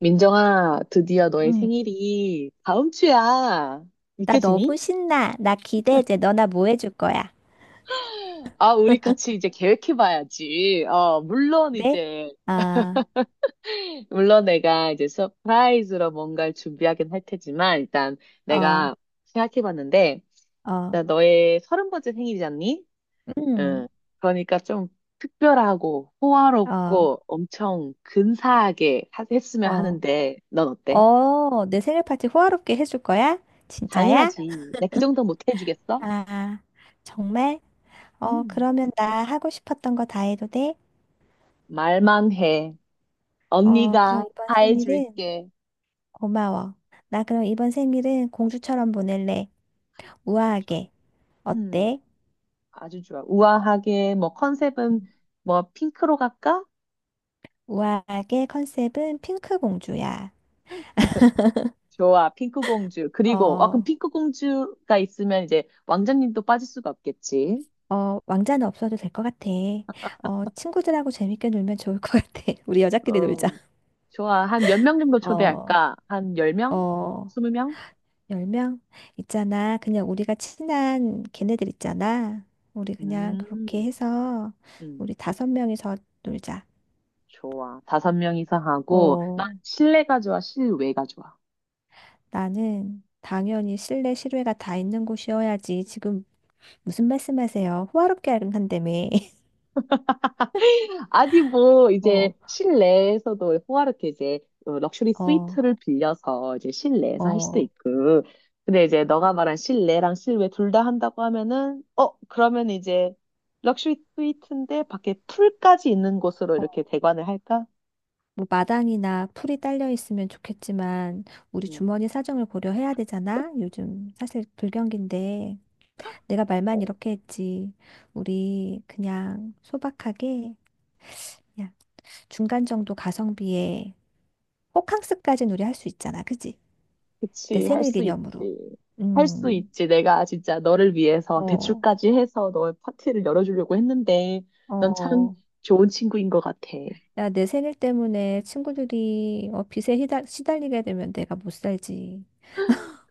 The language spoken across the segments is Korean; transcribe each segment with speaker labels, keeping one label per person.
Speaker 1: 민정아, 드디어 너의
Speaker 2: 응.
Speaker 1: 생일이 다음 주야.
Speaker 2: 나
Speaker 1: 믿겨지니?
Speaker 2: 너무 신나. 나 기대해 너나 뭐 해줄 거야?
Speaker 1: 아, 우리 같이 이제 계획해봐야지.
Speaker 2: 네? 아,
Speaker 1: 물론 내가 이제 서프라이즈로 뭔가를 준비하긴 할 테지만, 일단
Speaker 2: 어,
Speaker 1: 내가 생각해봤는데,
Speaker 2: 어,
Speaker 1: 일단 너의 30번째 생일이잖니?
Speaker 2: 음,
Speaker 1: 응. 그러니까 좀 특별하고
Speaker 2: 어,
Speaker 1: 호화롭고 엄청 근사하게 했으면
Speaker 2: 어,
Speaker 1: 하는데, 넌 어때?
Speaker 2: 내 생일 파티 호화롭게 해줄 거야? 진짜야?
Speaker 1: 당연하지. 내가 그 정도 못 해주겠어?
Speaker 2: 아, 정말?
Speaker 1: 음.
Speaker 2: 그러면 나 하고 싶었던 거 다 해도 돼?
Speaker 1: 말만 해.
Speaker 2: 어, 그럼
Speaker 1: 언니가
Speaker 2: 이번
Speaker 1: 다
Speaker 2: 생일은
Speaker 1: 해줄게.
Speaker 2: 고마워. 나 그럼 이번 생일은 공주처럼 보낼래.
Speaker 1: 좋아.
Speaker 2: 우아하게.
Speaker 1: 음,
Speaker 2: 어때?
Speaker 1: 아주 좋아. 우아하게, 뭐, 컨셉은,
Speaker 2: 음.
Speaker 1: 뭐, 핑크로 갈까?
Speaker 2: 우아하게 컨셉은 핑크 공주야.
Speaker 1: 좋아, 핑크 공주. 그리고, 아, 그럼
Speaker 2: 어.
Speaker 1: 핑크 공주가 있으면 이제 왕자님도 빠질 수가 없겠지.
Speaker 2: 왕자는 없어도 될 것 같아. 친구들하고 재밌게 놀면 좋을 것 같아. 우리 여자끼리 놀자.
Speaker 1: 어, 좋아. 한 몇 명 정도
Speaker 2: 어,
Speaker 1: 초대할까? 한 10명?
Speaker 2: 어,
Speaker 1: 20명?
Speaker 2: 10명 있잖아. 그냥 우리가 친한 걔네들 있잖아. 우리 그냥 그렇게
Speaker 1: 음,
Speaker 2: 해서
Speaker 1: 음,
Speaker 2: 우리 다섯 명이서 놀자.
Speaker 1: 좋아. 다섯 명이서 하고, 난
Speaker 2: 어,
Speaker 1: 실내가 좋아, 실외가 좋아.
Speaker 2: 나는 당연히 실내 실외가 다 있는 곳이어야지. 지금 무슨 말씀하세요? 호화롭게 한다며.
Speaker 1: 아니, 뭐, 이제,
Speaker 2: 어,
Speaker 1: 실내에서도 호화롭게 이제, 럭셔리
Speaker 2: 어,
Speaker 1: 스위트를 빌려서 이제
Speaker 2: 어.
Speaker 1: 실내에서 할 수도
Speaker 2: 어.
Speaker 1: 있고. 근데 이제, 너가 말한 실내랑 실외 둘 다 한다고 하면은, 그러면 이제, 럭셔리 스위트인데, 밖에 풀까지 있는 곳으로 이렇게 대관을 할까?
Speaker 2: 뭐 마당이나 풀이 딸려 있으면 좋겠지만 우리
Speaker 1: 음,
Speaker 2: 주머니 사정을 고려해야 되잖아. 요즘 사실 불경기인데 내가 말만
Speaker 1: 어,
Speaker 2: 이렇게 했지. 우리 그냥 소박하게 그냥 중간 정도 가성비에 호캉스까지는 우리 할 수 있잖아. 그지? 내
Speaker 1: 그치, 할
Speaker 2: 생일
Speaker 1: 수 있지.
Speaker 2: 기념으로.
Speaker 1: 할 수
Speaker 2: 음.
Speaker 1: 있지. 내가 진짜 너를 위해서
Speaker 2: 어.
Speaker 1: 대출까지 해서 너의 파티를 열어주려고 했는데, 넌 참
Speaker 2: 어.
Speaker 1: 좋은 친구인 것 같아.
Speaker 2: 야, 내 생일 때문에 친구들이 빚에 시달리게 되면 내가 못 살지.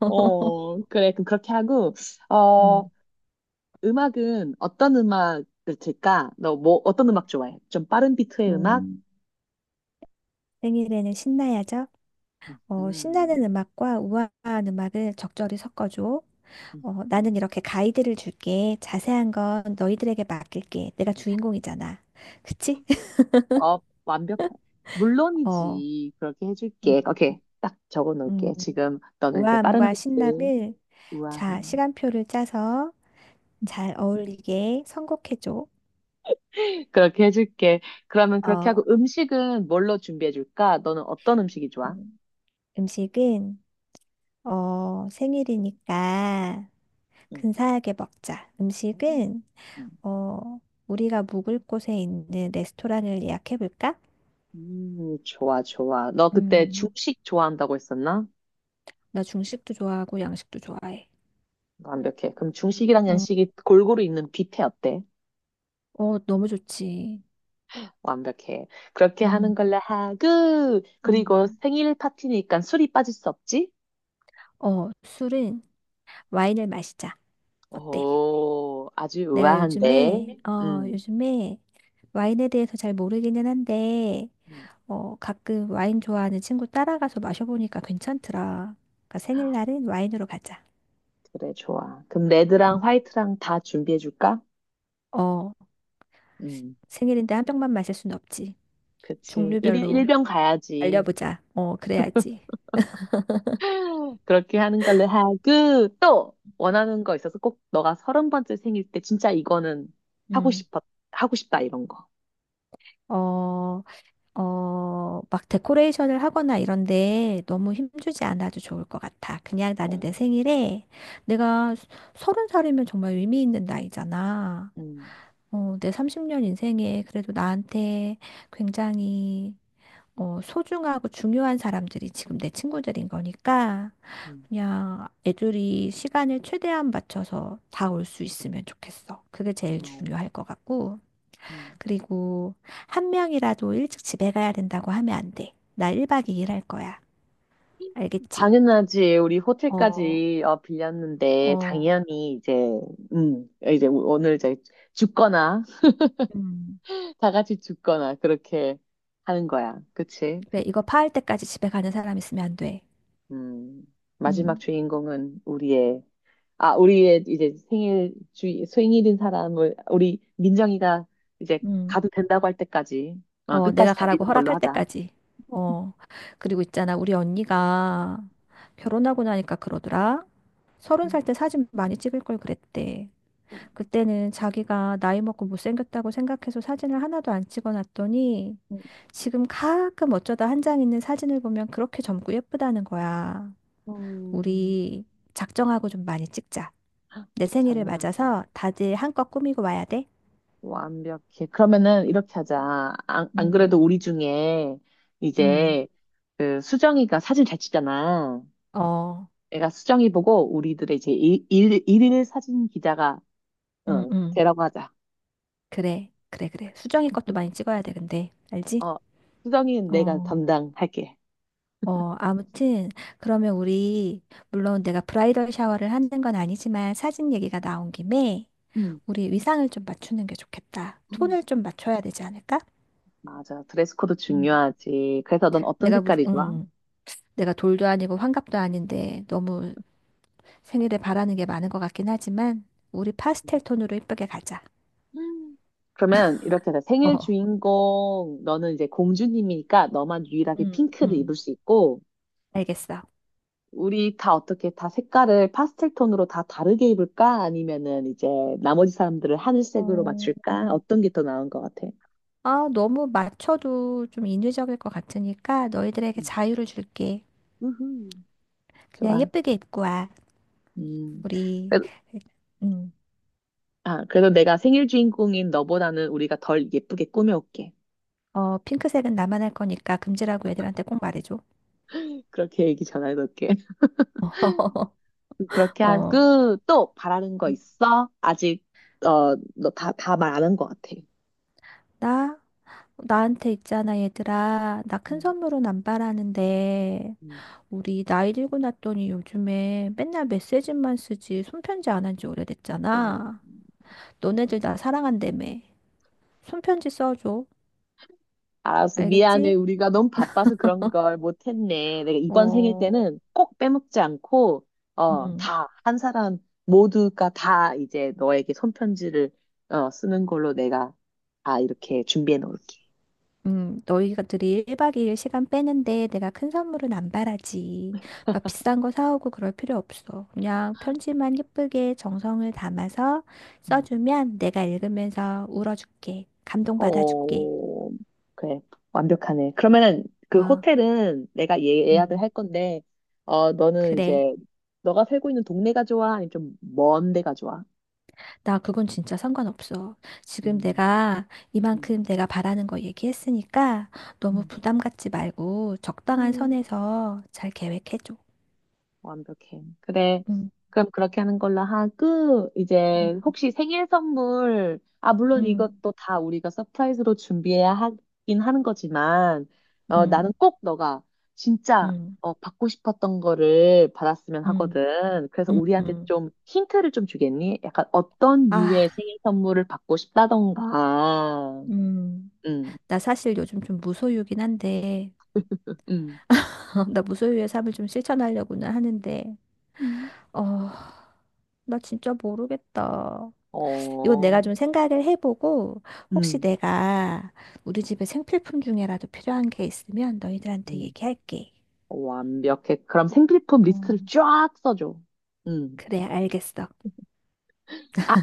Speaker 1: 그래. 그럼 그렇게 하고, 어,
Speaker 2: 음.
Speaker 1: 음악은 어떤 음악을 들까? 너 뭐, 어떤 음악 좋아해? 좀 빠른 비트의 음악?
Speaker 2: 음. 생일에는 신나야죠.
Speaker 1: 음,
Speaker 2: 신나는 음악과 우아한 음악을 적절히 섞어줘.
Speaker 1: 음,
Speaker 2: 나는
Speaker 1: 음.
Speaker 2: 이렇게 가이드를 줄게. 자세한 건 너희들에게 맡길게. 내가 주인공이잖아. 그치?
Speaker 1: 어, 완벽한.
Speaker 2: 어,
Speaker 1: 물론이지. 그렇게
Speaker 2: 음,
Speaker 1: 해줄게. 오케이. 딱 적어
Speaker 2: 음.
Speaker 1: 놓을게. 지금 너는 이제 빠른
Speaker 2: 우아함과
Speaker 1: 비트.
Speaker 2: 신남을
Speaker 1: 우와.
Speaker 2: 자, 시간표를 짜서 잘 어울리게 선곡해줘.
Speaker 1: 그렇게 해줄게. 그러면 그렇게 하고
Speaker 2: 어,
Speaker 1: 음식은 뭘로 준비해 줄까? 너는 어떤 음식이 좋아?
Speaker 2: 음, 음식은 생일이니까
Speaker 1: 응.
Speaker 2: 근사하게 먹자. 음식은
Speaker 1: 응.
Speaker 2: 어, 우리가 묵을 곳에 있는 레스토랑을 예약해볼까?
Speaker 1: 좋아, 좋아. 너 그때
Speaker 2: 음,
Speaker 1: 중식 좋아한다고 했었나?
Speaker 2: 나 중식도 좋아하고 양식도 좋아해.
Speaker 1: 완벽해. 그럼 중식이랑
Speaker 2: 어,
Speaker 1: 양식이 골고루 있는 뷔페 어때?
Speaker 2: 너무 좋지.
Speaker 1: 완벽해. 그렇게
Speaker 2: 음.
Speaker 1: 하는 걸로 하고, 그리고
Speaker 2: 음,
Speaker 1: 생일 파티니까 술이 빠질 수 없지?
Speaker 2: 술은 와인을 마시자. 어때?
Speaker 1: 오, 아주
Speaker 2: 내가 요즘에,
Speaker 1: 우아한데.
Speaker 2: 어, 요즘에 와인에 대해서 잘 모르기는 한데,
Speaker 1: 음,
Speaker 2: 가끔 와인 좋아하는 친구 따라가서 마셔보니까 괜찮더라. 그러니까 생일날은 와인으로 가자.
Speaker 1: 그래, 좋아. 그럼
Speaker 2: 음.
Speaker 1: 레드랑 화이트랑 다 준비해줄까?
Speaker 2: 어,
Speaker 1: 음,
Speaker 2: 생일인데 한 병만 마실 순 없지.
Speaker 1: 그치. 1인 일
Speaker 2: 종류별로
Speaker 1: 병 가야지.
Speaker 2: 알려보자. 그래야지.
Speaker 1: 그렇게 하는 걸로 하고, 또 원하는 거 있어서 꼭 너가 30번째 생일 때 진짜 이거는 하고
Speaker 2: 음.
Speaker 1: 싶어, 하고 싶다, 이런 거.
Speaker 2: 어, 막 데코레이션을 하거나 이런데 너무 힘주지 않아도 좋을 것 같아. 그냥 나는
Speaker 1: 어.
Speaker 2: 내 생일에 내가 서른 살이면 정말 의미 있는 나이잖아.
Speaker 1: 음.
Speaker 2: 내 30년 인생에 그래도 나한테 굉장히 소중하고 중요한 사람들이 지금 내 친구들인 거니까
Speaker 1: 음.
Speaker 2: 그냥 애들이 시간을 최대한 맞춰서 다 올 수 있으면 좋겠어. 그게 제일
Speaker 1: 어,
Speaker 2: 중요할 것 같고.
Speaker 1: 음.
Speaker 2: 그리고 한 명이라도 일찍 집에 가야 된다고 하면 안 돼. 나 1박 2일 할 거야. 알겠지?
Speaker 1: 당연하지. 우리
Speaker 2: 어,
Speaker 1: 호텔까지 빌렸는데
Speaker 2: 어,
Speaker 1: 당연히 이제 이제 오늘 이제 죽거나
Speaker 2: 음.
Speaker 1: 다 같이 죽거나 그렇게 하는 거야. 그치?
Speaker 2: 그래, 이거 파할 때까지 집에 가는 사람 있으면 안 돼.
Speaker 1: 음 마지막
Speaker 2: 음,
Speaker 1: 주인공은 우리의 이제 생일 주 생일인 사람을 우리 민정이가 이제
Speaker 2: 음.
Speaker 1: 가도 된다고 할 때까지
Speaker 2: 내가
Speaker 1: 끝까지 달리는
Speaker 2: 가라고
Speaker 1: 걸로
Speaker 2: 허락할
Speaker 1: 하자.
Speaker 2: 때까지. 어. 그리고 있잖아, 우리 언니가 결혼하고 나니까 그러더라. 서른
Speaker 1: 음,
Speaker 2: 살 때 사진 많이 찍을 걸 그랬대. 그때는 자기가 나이 먹고 못생겼다고 생각해서 사진을 하나도 안 찍어놨더니
Speaker 1: 음,
Speaker 2: 지금 가끔 어쩌다 한 장 있는 사진을 보면 그렇게 젊고 예쁘다는 거야.
Speaker 1: 음.
Speaker 2: 우리 작정하고 좀 많이 찍자. 내 생일을
Speaker 1: 당연하지.
Speaker 2: 맞아서 다들 한껏 꾸미고 와야 돼.
Speaker 1: 완벽해. 그러면은 이렇게 하자. 안 그래도
Speaker 2: 음,
Speaker 1: 우리 중에
Speaker 2: 음,
Speaker 1: 이제 그 수정이가 사진 잘 찍잖아.
Speaker 2: 어,
Speaker 1: 내가 수정이 보고 우리들의 이제 일일 사진 기자가
Speaker 2: 음, 음.
Speaker 1: 되라고 하자.
Speaker 2: 그래, 그래, 그래. 수정이 것도 많이 찍어야 돼, 근데. 알지?
Speaker 1: 어, 수정이는 내가
Speaker 2: 어,
Speaker 1: 담당할게.
Speaker 2: 아무튼, 그러면 우리, 물론 내가 브라이덜 샤워를 하는 건 아니지만 사진 얘기가 나온 김에
Speaker 1: 음.
Speaker 2: 우리 의상을 좀 맞추는 게 좋겠다.
Speaker 1: 음.
Speaker 2: 톤을 좀 맞춰야 되지 않을까?
Speaker 1: 맞아. 드레스 코드
Speaker 2: 음.
Speaker 1: 중요하지. 그래서 넌 어떤
Speaker 2: 내가 무슨,
Speaker 1: 색깔이 좋아?
Speaker 2: 음, 내가 돌도 아니고 환갑도 아닌데 너무 생일에 바라는 게 많은 것 같긴 하지만 우리 파스텔 톤으로 이쁘게 가자.
Speaker 1: 음. 그러면 이렇게 하자. 생일
Speaker 2: 어,
Speaker 1: 주인공 너는 이제 공주님이니까 너만 유일하게
Speaker 2: 음,
Speaker 1: 핑크를
Speaker 2: 음,
Speaker 1: 입을 수 있고
Speaker 2: 알겠어.
Speaker 1: 우리 다 어떻게 다 색깔을 파스텔 톤으로 다 다르게 입을까? 아니면은 이제 나머지 사람들을 하늘색으로
Speaker 2: 어,
Speaker 1: 맞출까? 어떤 게 더 나은 것 같아?
Speaker 2: 너무 맞춰도 좀 인위적일 것 같으니까 너희들에게
Speaker 1: 음.
Speaker 2: 자유를 줄게.
Speaker 1: 우후.
Speaker 2: 그냥
Speaker 1: 좋아.
Speaker 2: 예쁘게 입고 와.
Speaker 1: 음.
Speaker 2: 우리,
Speaker 1: 그래-
Speaker 2: 음,
Speaker 1: 아, 그래도 내가 생일 주인공인 너보다는 우리가 덜 예쁘게 꾸며올게.
Speaker 2: 핑크색은 나만 할 거니까 금지라고 애들한테 꼭 말해줘.
Speaker 1: 그렇게 얘기 전해놓을게. 그렇게
Speaker 2: 어,
Speaker 1: 하고 또 바라는 거 있어? 아직 너 다 말 안 한 것 같아.
Speaker 2: 나? 나한테 있잖아, 얘들아. 나 큰
Speaker 1: 음,
Speaker 2: 선물은 안 바라는데,
Speaker 1: 음.
Speaker 2: 우리 나이 들고 났더니 요즘에 맨날 메시지만 쓰지 손편지 안 한지
Speaker 1: 음.
Speaker 2: 오래됐잖아. 너네들 나 사랑한다며. 손편지 써줘.
Speaker 1: 알았어. 미안해.
Speaker 2: 알겠지?
Speaker 1: 우리가 너무 바빠서 그런 걸 못했네. 내가 이번 생일
Speaker 2: 어,
Speaker 1: 때는 꼭 빼먹지 않고,
Speaker 2: 음.
Speaker 1: 한 사람 모두가 다 이제 너에게 손편지를, 쓰는 걸로 내가 다 이렇게 준비해 놓을게.
Speaker 2: 너희들이 1박 2일 시간 빼는데 내가 큰 선물은 안 바라지. 막 비싼 거 사오고 그럴 필요 없어. 그냥 편지만 예쁘게 정성을 담아서
Speaker 1: 음.
Speaker 2: 써주면 내가 읽으면서 울어줄게. 감동받아줄게.
Speaker 1: 어, 그래. 완벽하네. 그러면은 그
Speaker 2: 아,
Speaker 1: 호텔은 내가 예약을
Speaker 2: 음,
Speaker 1: 할 건데, 너는
Speaker 2: 그래.
Speaker 1: 이제, 너가 살고 있는 동네가 좋아? 아니면 좀 먼 데가 좋아?
Speaker 2: 나 그건 진짜 상관없어. 지금
Speaker 1: 음,
Speaker 2: 내가
Speaker 1: 음,
Speaker 2: 이만큼 내가 바라는 거 얘기했으니까 너무
Speaker 1: 음.
Speaker 2: 부담 갖지 말고 적당한
Speaker 1: 음,
Speaker 2: 선에서 잘 계획해줘.
Speaker 1: 완벽해. 그래.
Speaker 2: 음,
Speaker 1: 그럼 그렇게 하는 걸로 하고, 이제
Speaker 2: 음,
Speaker 1: 혹시 생일 선물, 아, 물론
Speaker 2: 음,
Speaker 1: 이것도 다 우리가 서프라이즈로 준비해야 하긴 하는 거지만, 나는
Speaker 2: 음,
Speaker 1: 꼭 너가 진짜,
Speaker 2: 음.
Speaker 1: 받고 싶었던 거를 받았으면
Speaker 2: 음.
Speaker 1: 하거든. 그래서
Speaker 2: 음,
Speaker 1: 우리한테
Speaker 2: 음.
Speaker 1: 좀 힌트를 좀 주겠니? 약간 어떤
Speaker 2: 아,
Speaker 1: 류의 생일 선물을 받고 싶다던가.
Speaker 2: 음.
Speaker 1: 음,
Speaker 2: 나 사실 요즘 좀 무소유긴 한데,
Speaker 1: 음,
Speaker 2: 나 무소유의 삶을 좀 실천하려고는 하는데,
Speaker 1: 음.
Speaker 2: 어, 나 진짜 모르겠다. 이건 내가
Speaker 1: 어,
Speaker 2: 좀 생각을 해보고, 혹시
Speaker 1: 음,
Speaker 2: 내가 우리 집에 생필품 중에라도 필요한 게 있으면 너희들한테
Speaker 1: 음.
Speaker 2: 얘기할게.
Speaker 1: 완벽해. 그럼 생필품
Speaker 2: 어,
Speaker 1: 리스트를 쫙 써줘. 음.
Speaker 2: 그래, 알겠어.
Speaker 1: 아,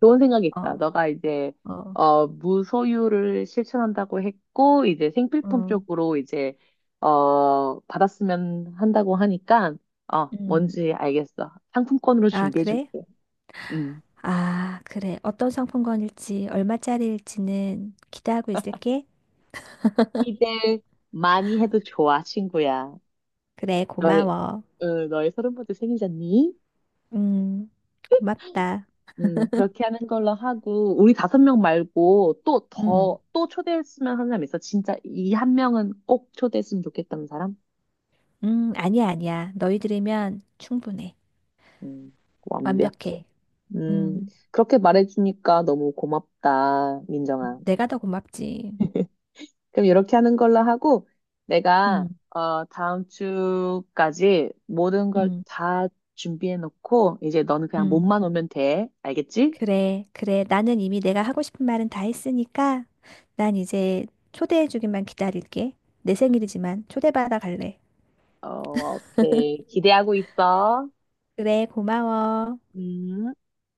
Speaker 1: 좋은 생각이 있다.
Speaker 2: 어,
Speaker 1: 너가 이제,
Speaker 2: 어,
Speaker 1: 무소유를 실천한다고 했고, 이제 생필품
Speaker 2: 음,
Speaker 1: 쪽으로 이제, 받았으면 한다고 하니까,
Speaker 2: 음.
Speaker 1: 뭔지 알겠어. 상품권으로
Speaker 2: 아, 그래?
Speaker 1: 준비해줄게. 음.
Speaker 2: 아, 그래. 어떤 상품권일지, 얼마짜리일지는 기대하고 있을게.
Speaker 1: 기대 많이 해도 좋아, 친구야.
Speaker 2: 그래,
Speaker 1: 너의,
Speaker 2: 고마워.
Speaker 1: 너의 30번째 생일잖니?
Speaker 2: 음, 고맙다.
Speaker 1: 그렇게 하는 걸로 하고, 우리 다섯 명 말고
Speaker 2: 음,
Speaker 1: 또 초대했으면 하는 사람 있어? 진짜 이 한 명은 꼭 초대했으면 좋겠다는 사람?
Speaker 2: 아니야, 아니야. 너희들이면 충분해.
Speaker 1: 음, 완벽해.
Speaker 2: 완벽해.
Speaker 1: 음,
Speaker 2: 음,
Speaker 1: 그렇게 말해주니까 너무 고맙다, 민정아.
Speaker 2: 내가 더 고맙지.
Speaker 1: 그럼 이렇게 하는 걸로 하고, 내가,
Speaker 2: 음,
Speaker 1: 다음 주까지 모든 걸
Speaker 2: 음,
Speaker 1: 다 준비해놓고, 이제 너는 그냥
Speaker 2: 음.
Speaker 1: 몸만 오면 돼. 알겠지?
Speaker 2: 그래, 그래. 나는 이미 내가 하고 싶은 말은 다 했으니까 난 이제 초대해주기만 기다릴게. 내 생일이지만 초대받아 갈래.
Speaker 1: 오케이. 기대하고 있어.
Speaker 2: 그래, 고마워.
Speaker 1: 음.